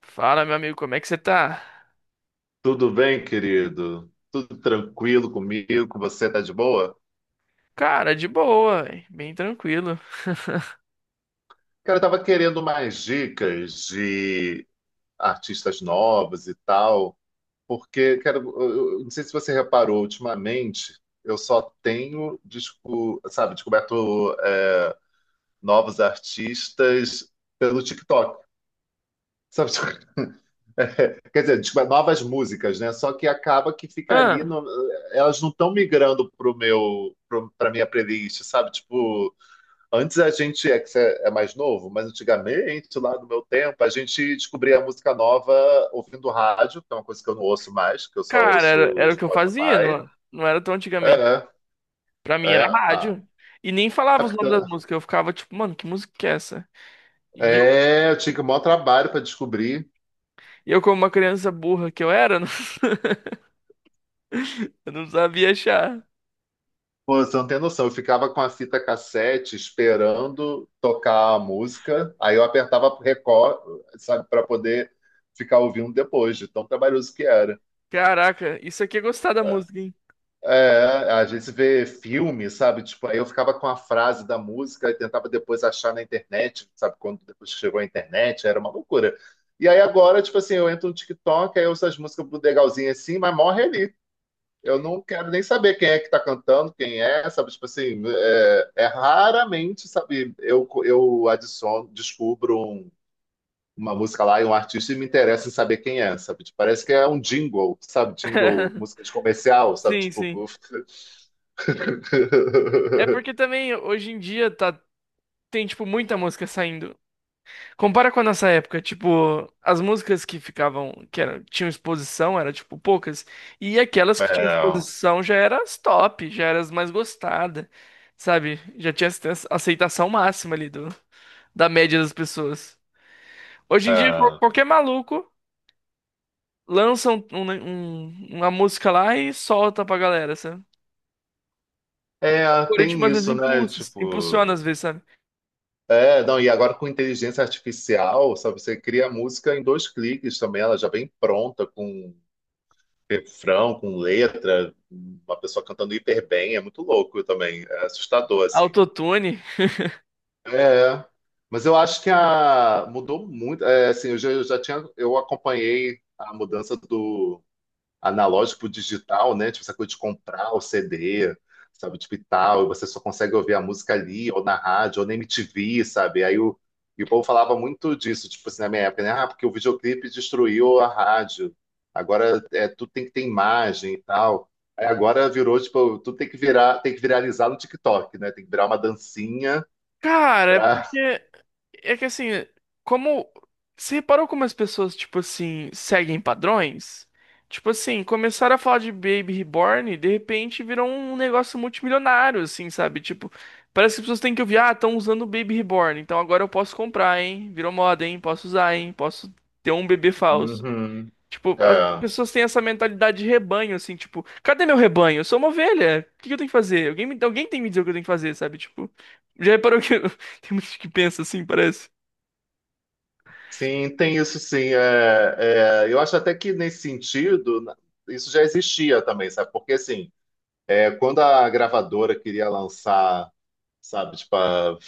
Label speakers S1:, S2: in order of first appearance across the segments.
S1: Fala, meu amigo, como é que você tá?
S2: Tudo bem, querido? Tudo tranquilo comigo? Com você tá de boa?
S1: Cara, de boa, véi, bem tranquilo.
S2: Cara, eu tava querendo mais dicas de artistas novos e tal, porque, cara, eu não sei se você reparou, ultimamente eu só tenho, sabe, descoberto é, novos artistas pelo TikTok. Sabe? Quer dizer, descoberto novas músicas, né? Só que acaba que fica ali,
S1: Ah,
S2: elas não estão migrando pra minha playlist, sabe? Tipo. Antes a gente, é que você é mais novo, mas antigamente, lá no meu tempo, a gente descobria a música nova ouvindo rádio, que é uma coisa que eu não ouço mais, que eu só
S1: cara, era,
S2: ouço
S1: era o que eu fazia,
S2: Spotify.
S1: não, não era tão antigamente.
S2: É,
S1: Pra mim
S2: é,
S1: era
S2: ah,
S1: rádio. E nem
S2: é,
S1: falava os nomes das músicas, eu ficava tipo, mano, que música que é essa? E eu,
S2: é, eu tinha que o maior trabalho para descobrir.
S1: e eu como uma criança burra que eu era, eu não sabia achar.
S2: Pô, você não tem noção, eu ficava com a fita cassete esperando tocar a música, aí eu apertava record, sabe, para poder ficar ouvindo depois, de tão trabalhoso que era.
S1: Caraca, isso aqui é gostar da
S2: É.
S1: música, hein?
S2: É, a gente vê filme, sabe? Tipo, aí eu ficava com a frase da música e tentava depois achar na internet, sabe? Quando depois chegou a internet, era uma loucura. E aí agora, tipo assim, eu entro no TikTok, aí eu ouço as músicas legalzinhas assim, mas morre ali. Eu não quero nem saber quem é que tá cantando, quem é, sabe? Tipo assim, é, é raramente, sabe? Eu adiciono, descubro uma música lá e um artista e me interessa em saber quem é, sabe? Tipo, parece que é um jingle, sabe? Jingle, música de comercial, sabe?
S1: Sim,
S2: Tipo,
S1: sim. É porque também hoje em dia tá, tem, tipo, muita música saindo. Compara com a nossa época, tipo, as músicas que ficavam, que eram, tinham exposição, era tipo poucas, e aquelas que tinham
S2: É,
S1: exposição já eram as top, já eram as mais gostadas, sabe? Já tinha aceitação máxima ali do, da média das pessoas. Hoje em dia,
S2: é.
S1: qualquer maluco lança uma música lá e solta pra galera, sabe? O
S2: É, tem
S1: algoritmo às vezes
S2: isso, né? Tipo.
S1: impulsiona às vezes, sabe?
S2: É, não, e agora com inteligência artificial, sabe, você cria a música em dois cliques também, ela já vem pronta, com refrão, com letra, uma pessoa cantando hiper bem, é muito louco também, é assustador, assim.
S1: Autotune.
S2: É, é. Mas eu acho que a, mudou muito, é, assim, eu já tinha, eu acompanhei a mudança do analógico pro digital, né? Tipo, essa coisa de comprar o CD, sabe? Tipo, e tal, e você só consegue ouvir a música ali, ou na rádio, ou na MTV, sabe? Aí o, e o povo falava muito disso, tipo assim, na minha época, né? Ah, porque o videoclipe destruiu a rádio. Agora é, tudo tem que ter imagem e tal. Aí agora virou, tipo, tudo tem que virar, tem que viralizar no TikTok, né? Tem que virar uma dancinha
S1: Cara, é
S2: pra.
S1: porque É que assim, como. Você reparou como as pessoas, tipo assim, seguem padrões? Tipo assim, começaram a falar de Baby Reborn e de repente virou um negócio multimilionário, assim, sabe? Tipo, parece que as pessoas têm que ouvir, ah, estão usando o Baby Reborn, então agora eu posso comprar, hein? Virou moda, hein? Posso usar, hein? Posso ter um bebê falso.
S2: Uhum.
S1: Tipo, as
S2: É.
S1: pessoas têm essa mentalidade de rebanho, assim, tipo, cadê meu rebanho? Eu sou uma ovelha. O que que eu tenho que fazer? Alguém tem que me dizer o que eu tenho que fazer, sabe? Tipo, já reparou que tem muita gente que pensa assim, parece?
S2: Sim, tem isso sim. É, é, eu acho até que nesse sentido, isso já existia também, sabe? Porque assim, é, quando a gravadora queria lançar, sabe, tipo a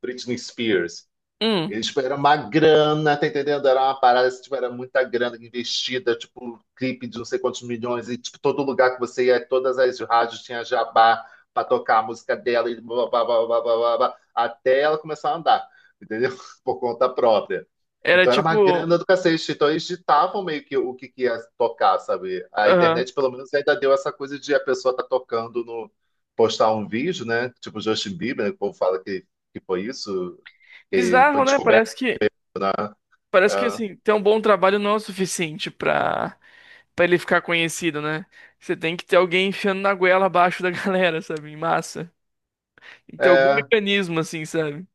S2: Britney Spears,
S1: Hum,
S2: ele era uma grana, tá entendendo? Era uma parada, assim, tipo, era muita grana investida, tipo, clipe de não sei quantos milhões, e tipo, todo lugar que você ia, todas as rádios tinha jabá pra tocar a música dela, e blá, blá, blá, blá, blá, blá, blá, até ela começar a andar, entendeu? Por conta própria.
S1: era
S2: Então era uma
S1: tipo,
S2: grana do cacete, então eles ditavam meio que o que, que ia tocar, sabe? A
S1: aham.
S2: internet, pelo menos, ainda deu essa coisa de a pessoa tá tocando no... postar um vídeo, né? Tipo Justin Bieber, né? Que o povo fala que foi isso, que foi
S1: Bizarro, né?
S2: descoberto
S1: Parece que
S2: né?
S1: parece que assim, ter um bom trabalho não é o suficiente pra para ele ficar conhecido, né? Você tem que ter alguém enfiando na goela abaixo da galera, sabe? Em massa. Tem que
S2: É,
S1: ter algum
S2: é.
S1: mecanismo assim, sabe?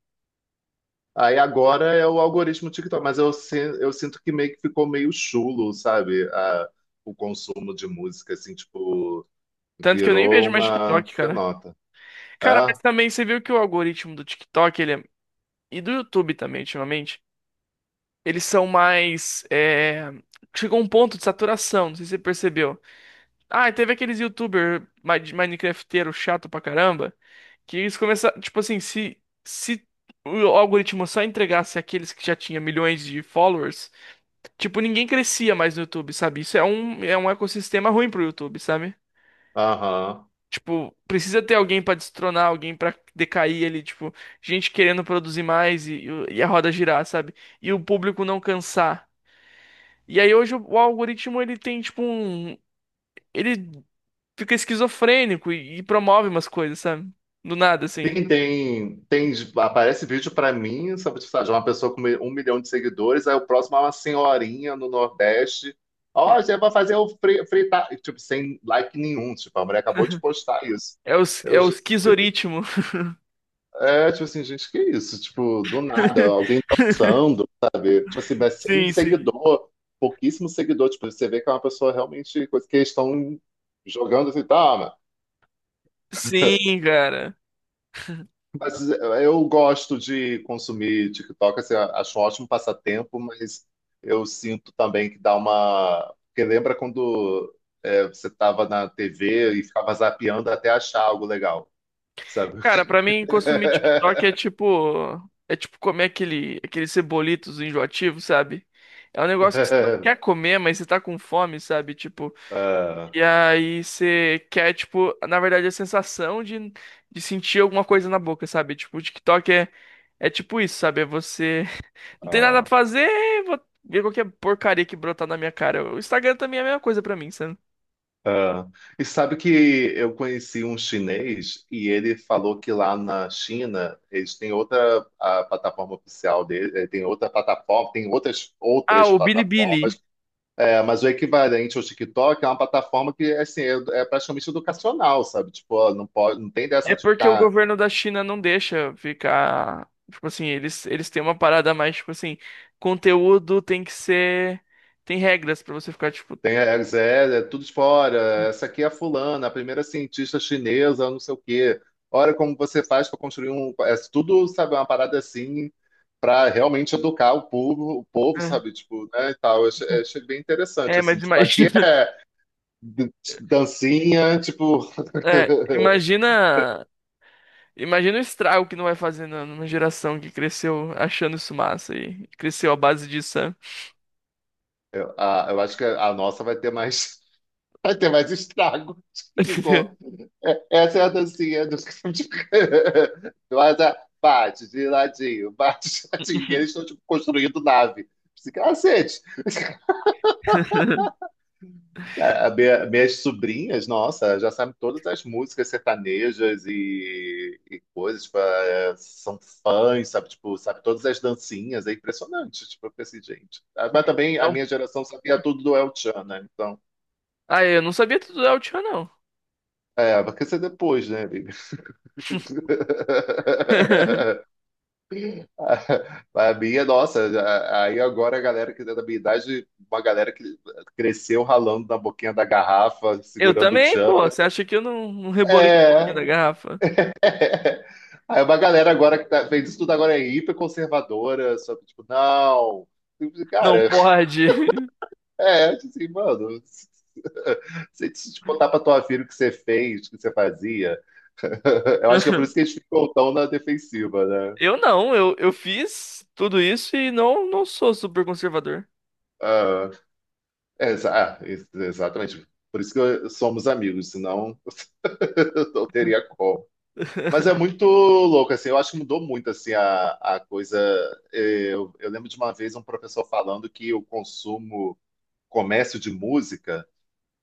S2: Aí agora é o algoritmo TikTok, mas eu sinto que meio que ficou meio chulo, sabe? O consumo de música, assim, tipo,
S1: Tanto que eu nem
S2: virou
S1: vejo mais
S2: uma.
S1: TikTok,
S2: Que
S1: cara.
S2: nota?
S1: Cara, mas
S2: É?
S1: também você viu que o algoritmo do TikTok, ele é... E do YouTube também, ultimamente, eles são mais é... Chegou a um ponto de saturação, não sei se você percebeu. Ah, e teve aqueles de Minecrafteiro chato pra caramba, que eles começaram, tipo assim, se o algoritmo só entregasse aqueles que já tinha milhões de followers, tipo, ninguém crescia mais no YouTube, sabe? Isso é um ecossistema ruim pro YouTube, sabe?
S2: Aham.
S1: Tipo, precisa ter alguém pra destronar, alguém pra decair ali, tipo, gente querendo produzir mais e a roda girar, sabe? E o público não cansar. E aí hoje o algoritmo ele tem tipo um ele fica esquizofrênico e promove umas coisas, sabe? Do nada, assim.
S2: Aparece vídeo pra mim, sabe, tipo, sabe, de uma pessoa com um milhão de seguidores, aí o próximo é uma senhorinha no Nordeste. Ó, você vai fazer o fritar, tipo, sem like nenhum, tipo, a mulher acabou de postar isso.
S1: É o, s-
S2: Eu,
S1: é o esquizoritmo.
S2: É, tipo assim, gente, que isso? Tipo, do nada, alguém dançando, sabe? Tipo assim, mas sem
S1: Sim, sim.
S2: seguidor, pouquíssimo seguidor. Tipo, você vê que é uma pessoa realmente, coisa que eles estão jogando assim, tá,
S1: Sim, cara.
S2: mas eu gosto de consumir TikTok, assim, acho um ótimo passatempo, mas eu sinto também que dá uma... Porque lembra quando é, você tava na TV e ficava zapeando até achar algo legal, sabe?
S1: Cara, pra mim, consumir TikTok é tipo. É tipo comer aquele, aqueles cebolitos enjoativos, sabe? É um negócio que você não
S2: É,
S1: quer comer, mas você tá com fome, sabe? Tipo,
S2: é,
S1: e aí você quer, tipo, na verdade, a sensação de sentir alguma coisa na boca, sabe? Tipo, o TikTok é, é tipo isso, sabe? É você. Não tem nada pra
S2: é.
S1: fazer, vou ver qualquer porcaria que brotar na minha cara. O Instagram também é a mesma coisa pra mim, sabe?
S2: Ah, e sabe que eu conheci um chinês e ele falou que lá na China eles têm outra a plataforma oficial dele, eh, tem outra plataforma, tem outras
S1: Ah, o Bilibili.
S2: plataformas, eh, mas o equivalente ao TikTok é uma plataforma que assim é, é praticamente educacional, sabe? Tipo, ó, não pode, não tem
S1: É
S2: dessa de
S1: porque o
S2: ficar.
S1: governo da China não deixa ficar. Tipo assim, eles têm uma parada mais, tipo assim, conteúdo tem que ser. Tem regras pra você ficar, tipo.
S2: Tem a é, é tudo fora. Essa aqui é a fulana, a primeira cientista chinesa, não sei o quê. Olha como você faz para construir um. É tudo, sabe, uma parada assim, para realmente educar o povo,
S1: É,
S2: sabe, tipo, né, e tal. Eu achei bem interessante,
S1: é,
S2: assim.
S1: mas
S2: Tipo, aqui
S1: imagina.
S2: é d- dancinha, tipo.
S1: É, imagina. Imagina o estrago que não vai fazer numa geração que cresceu achando isso massa e cresceu à base disso, sabe?
S2: Eu acho que a nossa vai ter mais. Vai ter mais estrago. Ficou. Essa é a dancinha do, do bate de ladinho, bate de ladinho. E eles estão tipo, construindo nave. Esse Cacete. Minhas sobrinhas, nossa, já sabem todas as músicas sertanejas e coisas, tipo, é, são fãs, sabe? Tipo, sabe todas as dancinhas, é impressionante, tipo, eu pensei, gente. Ah, mas também a minha geração sabia tudo do El Chan, né? Então,
S1: Ah, eu não sabia tudo da Altian, não.
S2: é, vai ser depois, né, amiga? A minha, nossa, aí agora a galera que é da minha idade, uma galera que cresceu ralando na boquinha da garrafa,
S1: Eu
S2: segurando o
S1: também,
S2: tchan.
S1: pô. Você acha que eu não rebolei um pouquinho da
S2: É,
S1: garrafa?
S2: aí uma galera agora que tá, fez isso tudo agora é hiper conservadora, sabe? Tipo, não.
S1: Não
S2: Cara,
S1: pode.
S2: é, assim, mano, se te contar pra tua filha o que você fez, o que você fazia, eu acho que é por isso que eles ficam tão na defensiva, né?
S1: Eu não, eu fiz tudo isso e não sou super conservador.
S2: Ah, exatamente. Por isso que somos amigos, senão. Não teria como. Mas é muito louco, assim, eu acho que mudou muito, assim, a coisa. Eu lembro de uma vez um professor falando que o consumo, comércio de música,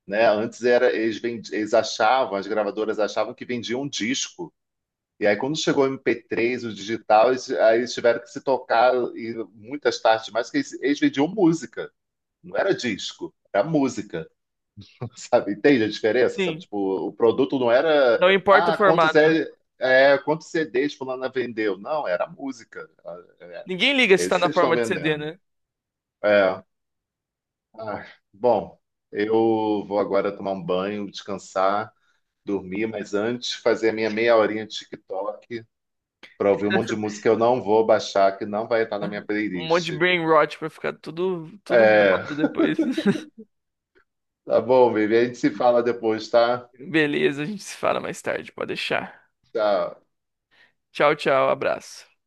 S2: né, antes era, eles achavam, as gravadoras achavam que vendiam um disco. E aí, quando chegou o MP3, o digital, aí eles tiveram que se tocar e muitas tardes mais, que eles vendiam música, não era disco, era música, sabe? Entende a diferença, sabe?
S1: Sim,
S2: Tipo, o produto não era,
S1: não importa o
S2: ah,
S1: formato.
S2: é quantos CDs fulana vendeu? Não, era música. Ah,
S1: Ninguém liga
S2: é,
S1: se tá
S2: esses
S1: na
S2: vocês estão
S1: forma de CD,
S2: vendendo.
S1: né?
S2: É. Ah, bom, eu vou agora tomar um banho, descansar, dormir, mas antes fazer a minha meia horinha de TikTok para ouvir um monte de música que eu não vou baixar, que não vai estar na minha
S1: Um monte
S2: playlist.
S1: de brain rot pra ficar tudo, tudo
S2: É,
S1: bugado depois.
S2: tá bom, baby. A gente se fala depois, tá?
S1: Beleza, a gente se fala mais tarde, pode deixar.
S2: Tchau.
S1: Tchau, tchau, abraço.